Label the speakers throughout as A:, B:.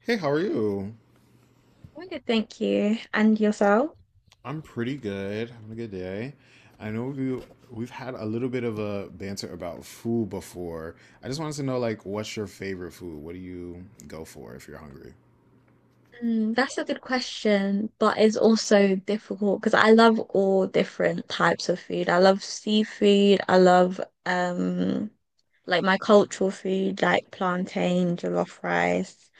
A: Hey, how are you?
B: I'm good, thank you. And yourself?
A: I'm pretty good. Having a good day. I know we've had a little bit of a banter about food before. I just wanted to know like what's your favorite food? What do you go for if you're hungry?
B: Mm, that's a good question, but it's also difficult because I love all different types of food. I love seafood. I love um like my cultural food, like plantain, jollof rice.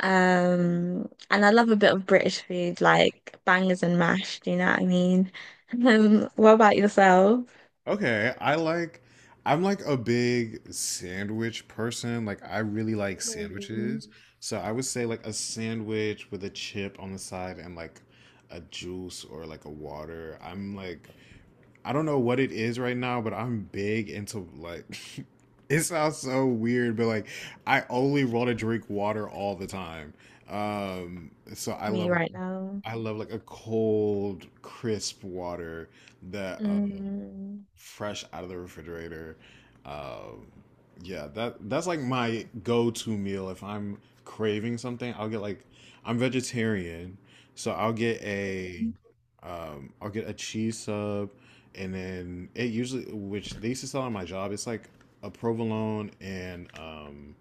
B: And I love a bit of British food, like bangers and mash. Do you know what I mean? What about yourself?
A: Okay, I'm like a big sandwich person. Like I really like
B: Ooh,
A: sandwiches. So I would say like a sandwich with a chip on the side and like a juice or like a water. I'm like I don't know what it is right now, but I'm big into like it sounds so weird, but like I only want to drink water all the time. So I
B: me
A: love
B: right now.
A: I love like a cold, crisp water that
B: Mm.
A: fresh out of the refrigerator. Um, yeah, that's like my go-to meal if I'm craving something. I'm vegetarian, so I'll get a cheese sub, and then it usually which they used to sell on my job, it's like a provolone and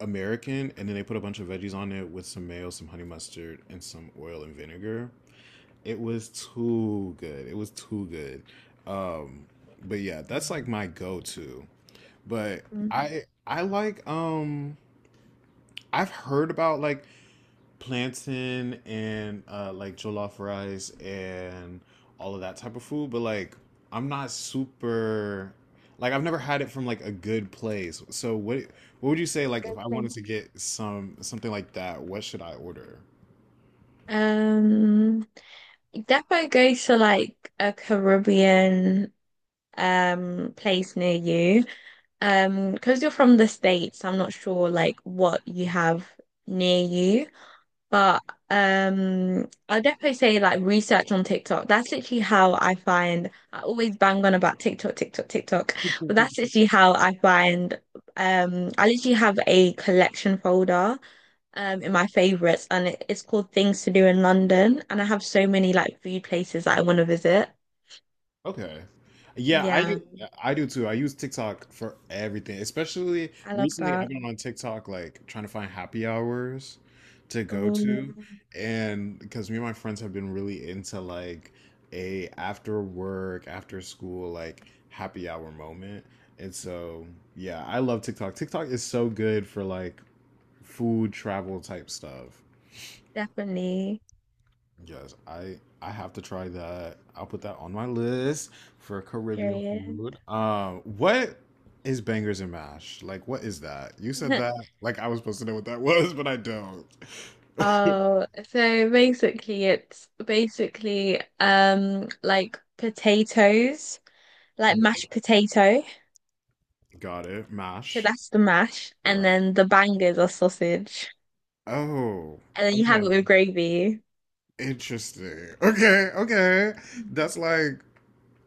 A: American, and then they put a bunch of veggies on it with some mayo, some honey mustard, and some oil and vinegar. It was too good. It was too good. Um, but yeah, that's like my go-to. But
B: Mm.
A: I I like um I've heard about like plantain and like jollof rice and all of that type of food, but like I'm not super like I've never had it from like a good place. So what would you say like if
B: Don't
A: I
B: play.
A: wanted to get something like that, what should I order?
B: Um, Definitely go to like a Caribbean place near you. Because you're from the States, I'm not sure like what you have near you. But I'll definitely say like research on TikTok. That's literally how I find I always bang on about TikTok, TikTok, TikTok. But that's literally how I find I literally have a collection folder in my favorites and it's called Things to Do in London, and I have so many like food places that I want to visit.
A: Okay. Yeah, I
B: Yeah,
A: Like, I do too. I use TikTok for everything. Especially
B: I love
A: recently, I've
B: that.
A: been on TikTok like trying to find happy hours to go
B: Oh,
A: to, and because me and my friends have been really into like a after work, after school like happy hour moment. And so, yeah, I love TikTok. TikTok is so good for like food travel type stuff.
B: definitely.
A: Yes, I have to try that. I'll put that on my list for Caribbean
B: Period.
A: food. What is bangers and mash? Like, what is that? You said that like I was supposed to know what that was, but I don't.
B: Oh, so basically it's basically like potatoes, like
A: Okay.
B: mashed potato.
A: Got it.
B: So
A: Mash.
B: that's the mash, and
A: Right.
B: then the bangers are sausage.
A: Oh,
B: And then you have it
A: okay.
B: with gravy.
A: Interesting. Okay, okay. That's like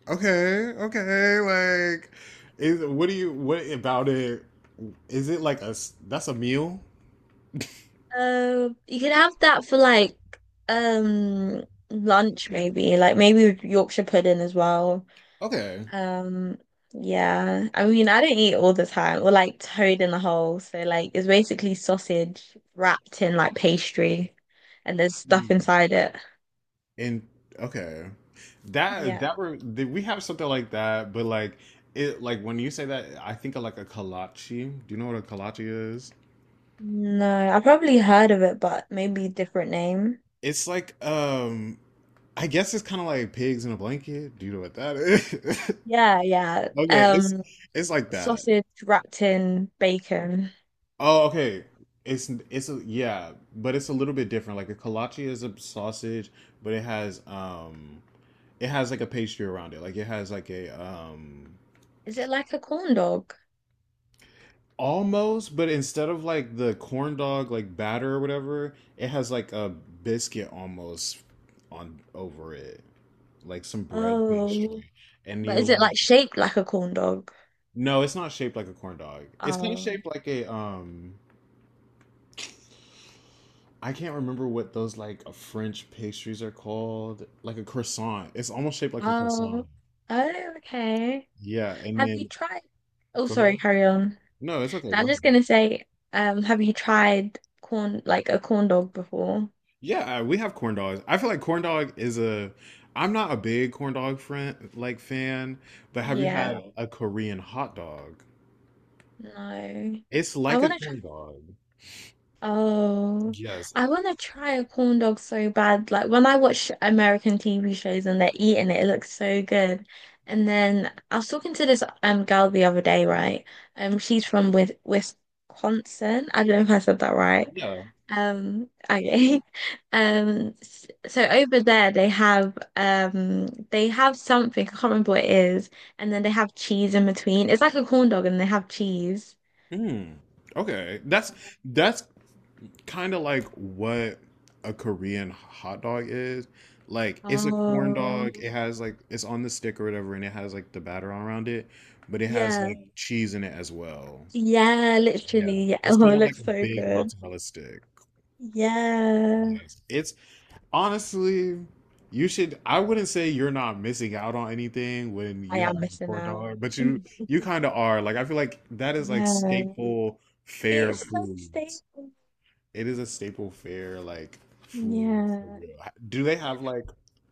A: okay, okay. Like, is what do you what about it? Is it like that's a meal?
B: You could have that for like um lunch maybe, like maybe with Yorkshire pudding as well.
A: Okay.
B: Um, yeah. I mean, I don't eat all the time, or like toad in the hole. So like it's basically sausage wrapped in like pastry, and there's stuff inside it.
A: And okay, that
B: Yeah.
A: that were did we have something like that? But like it, like when you say that, I think of like a kolache. Do you know what a kolache is?
B: No, I probably heard of it, but maybe different name.
A: It's like I guess it's kind of like pigs in a blanket. Do you know what that is?
B: Yeah, yeah.
A: Okay, it's it's like that.
B: Sausage wrapped in bacon.
A: Oh, okay. Yeah, but it's a little bit different. Like a kolache is a sausage, but it has like a pastry around it. Like it has like a
B: Is it like a corn dog?
A: almost, but instead of like the corn dog like batter or whatever, it has like a biscuit almost on over it, like some bread
B: Oh.
A: pastry, and
B: But
A: you
B: is it
A: like
B: like shaped like a corn dog?
A: no, it's not shaped like a corn dog. It's kind of
B: Oh,
A: shaped like a. I can't remember what those like French pastries are called, like a croissant. It's almost shaped like a croissant.
B: oh, oh, okay.
A: Yeah, and
B: Have you
A: then
B: tried? Oh,
A: go
B: sorry,
A: ahead.
B: carry on.
A: No, it's okay.
B: No,
A: Go
B: I'm
A: ahead.
B: just gonna say, have you tried corn like a corn dog before?
A: Yeah, we have corn dogs. I feel like corn dog is a. I'm not a big corn dog friend like fan, but have you
B: Yeah,
A: had a Korean hot dog?
B: no.
A: It's
B: I
A: like a
B: want
A: corn
B: to.
A: dog.
B: Oh,
A: Yes.
B: I want to try a corn dog so bad. Like when I watch American TV shows and they're eating it, it looks so good. And then I was talking to this girl the other day, right? She's from with Wisconsin. I don't know if I said that right.
A: Yeah.
B: Okay. So over there they have something I can't remember what it is, and then they have cheese in between. It's like a corn dog, and they have cheese.
A: Mm. Okay. That's kind of like what a Korean hot dog is. Like it's a corn
B: Oh,
A: dog. It has like it's on the stick or whatever, and it has like the batter around it, but it has
B: yeah.
A: like cheese in it as well.
B: Yeah,
A: Yeah.
B: literally. Yeah.
A: It's
B: Oh,
A: kind
B: it
A: of like
B: looks
A: a
B: so
A: big
B: good.
A: mozzarella stick.
B: Yeah.
A: Yes. It's honestly, you should. I wouldn't say you're not missing out on anything when
B: I
A: you have
B: am
A: a
B: missing
A: four
B: out.
A: dollar, but you
B: Mm.
A: you kind of are. Like I feel like that is like
B: Yeah.
A: staple fair
B: It's so
A: foods.
B: stable.
A: It is a staple fair like food for
B: Yeah.
A: real. Do they have like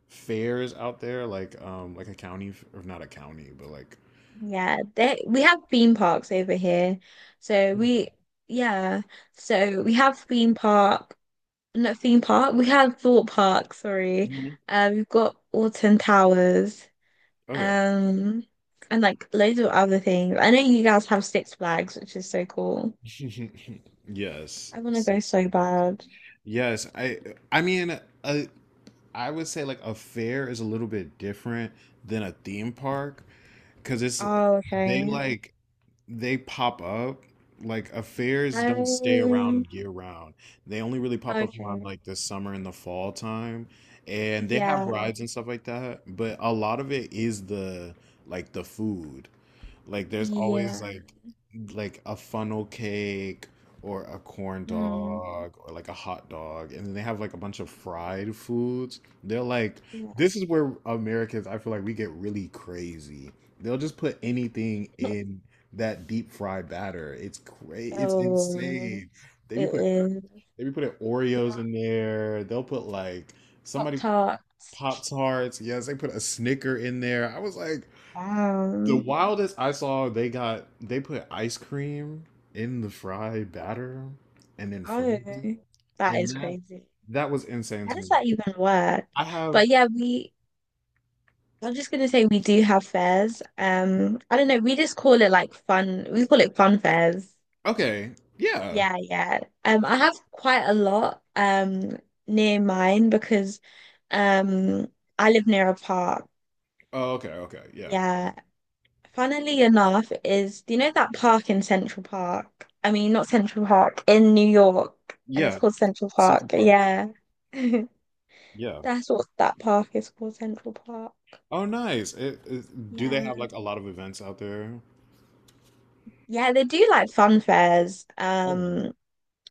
A: fairs out there? Like a county or not a county, but like
B: Yeah. We have theme parks over here. So we, yeah. So we have theme park, not theme park, we have thought park, sorry.
A: mhm.
B: We've got Alton Towers.
A: Okay.
B: Um, and like loads of other things. I know you guys have Six Flags, which is so cool.
A: Yes,
B: I want to go
A: six.
B: so bad.
A: Yes, I mean, I would say like a fair is a little bit different than a theme park because it's
B: Oh,
A: they
B: okay.
A: like they pop up like affairs don't stay
B: Um,
A: around year round. They only really pop up around
B: okay.
A: like the summer and the fall time, and they have
B: Yeah.
A: rides and stuff like that. But a lot of it is the food. Like there's always
B: Yeah.
A: like a funnel cake or a corn
B: Mm,
A: dog or like a hot dog, and then they have like a bunch of fried foods. They're like,
B: yeah.
A: this is where Americans, I feel like, we get really crazy. They'll just put anything in that deep fried batter. It's
B: Oh,
A: insane. they
B: it
A: be putting
B: is
A: they be putting Oreos in there. They'll put like
B: Pop
A: somebody
B: Tarts.
A: Pop Tarts. Yes, they put a Snicker in there. I was like, the
B: Wow.
A: wildest I saw, they put ice cream in the fry batter and then
B: Oh,
A: fried it.
B: that
A: And
B: is
A: that
B: crazy.
A: that was insane
B: How
A: to
B: does
A: me.
B: that even work?
A: I have
B: But yeah, I'm just gonna say we do have fairs. I don't know, we just call it like we call it fun fairs.
A: okay, yeah,
B: Yeah, yeah. I have quite a lot near mine because um I live near a park.
A: oh, okay, okay, yeah,
B: Yeah. Funnily enough, is do you know that park in Central Park? I mean, not Central Park, in New York, and it's
A: yeah,
B: called Central
A: Central
B: Park.
A: Park,
B: Yeah.
A: yeah.
B: That's what that park is called, Central Park.
A: Oh, nice. Do they
B: Yeah.
A: have like a lot of events out there?
B: Yeah, they do like fun fairs.
A: Okay.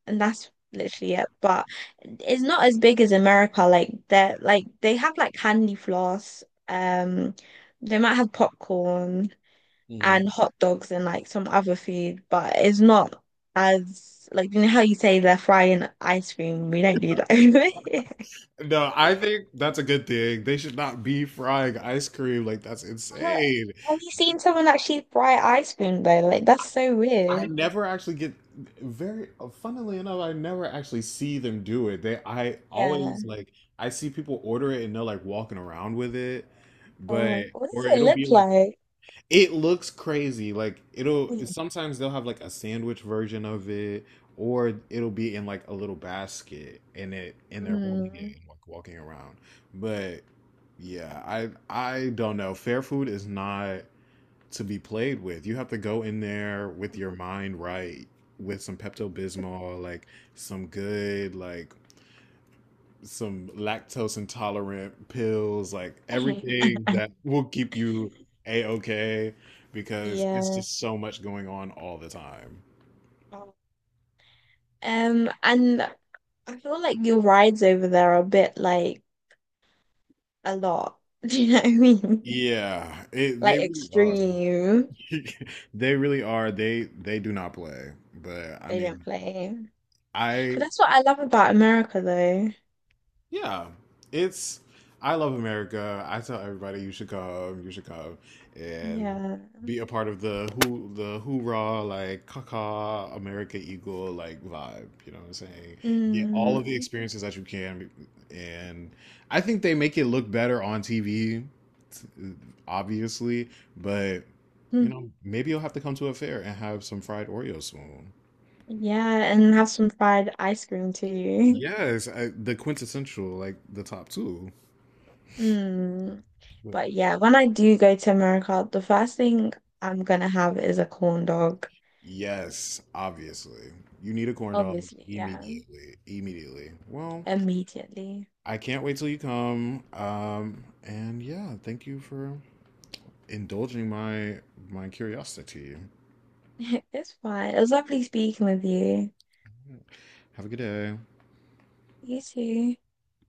B: And that's literally it. But it's not as big as America. Like they're like they have like candy floss. They might have popcorn
A: Mhm.
B: and hot dogs and like some other food, but it's not as like you know how you say they're frying ice cream. We don't do that over here.
A: No, I think that's a good thing. They should not be frying ice cream. Like that's
B: But
A: insane.
B: have you seen someone actually fry ice cream though? Like that's so
A: I
B: weird.
A: never actually get very funnily enough, I never actually see them do it. They I
B: Yeah.
A: always like I see people order it and they're like walking around with it.
B: Oh
A: But
B: my, what does
A: or
B: it
A: it'll be
B: look
A: like,
B: like?
A: it looks crazy. Like it'll sometimes they'll have like a sandwich version of it, or it'll be in like a little basket and it and they're holding it
B: Mm.
A: and like walking around. But yeah, I don't know. Fair food is not to be played with. You have to go in there with your mind right, with some Pepto Bismol, like some good, like some lactose intolerant pills, like everything that will keep you a okay because it's
B: Yeah.
A: just so much going on all the time.
B: And I feel like your rides over there are a bit like a lot. Do you know what I mean?
A: Yeah, they
B: Like
A: really are.
B: extreme.
A: They really are. They do not play. But I
B: They don't
A: mean,
B: play. But
A: I
B: that's what I love about America, though.
A: yeah, it's I love America. I tell everybody you should come and
B: Yeah.
A: be a part of the who the hoorah like caca America Eagle like vibe. You know what I'm saying? Get all of the
B: Mm.
A: experiences that you can, and I think they make it look better on TV, obviously. But you
B: Mm.
A: know, maybe you'll have to come to a fair and have some fried Oreos soon.
B: Yeah, and have some fried ice cream too.
A: Yes, the quintessential like the top two.
B: Mm. But yeah, when I do go to America, the first thing I'm gonna have is a corn dog.
A: Yes, obviously. You need a corn dog
B: Obviously, yeah.
A: immediately. Immediately. Well,
B: Immediately.
A: I can't wait till you come. And yeah, thank you for indulging my curiosity.
B: It's fine. It was lovely speaking with you.
A: Have a good day.
B: Easy.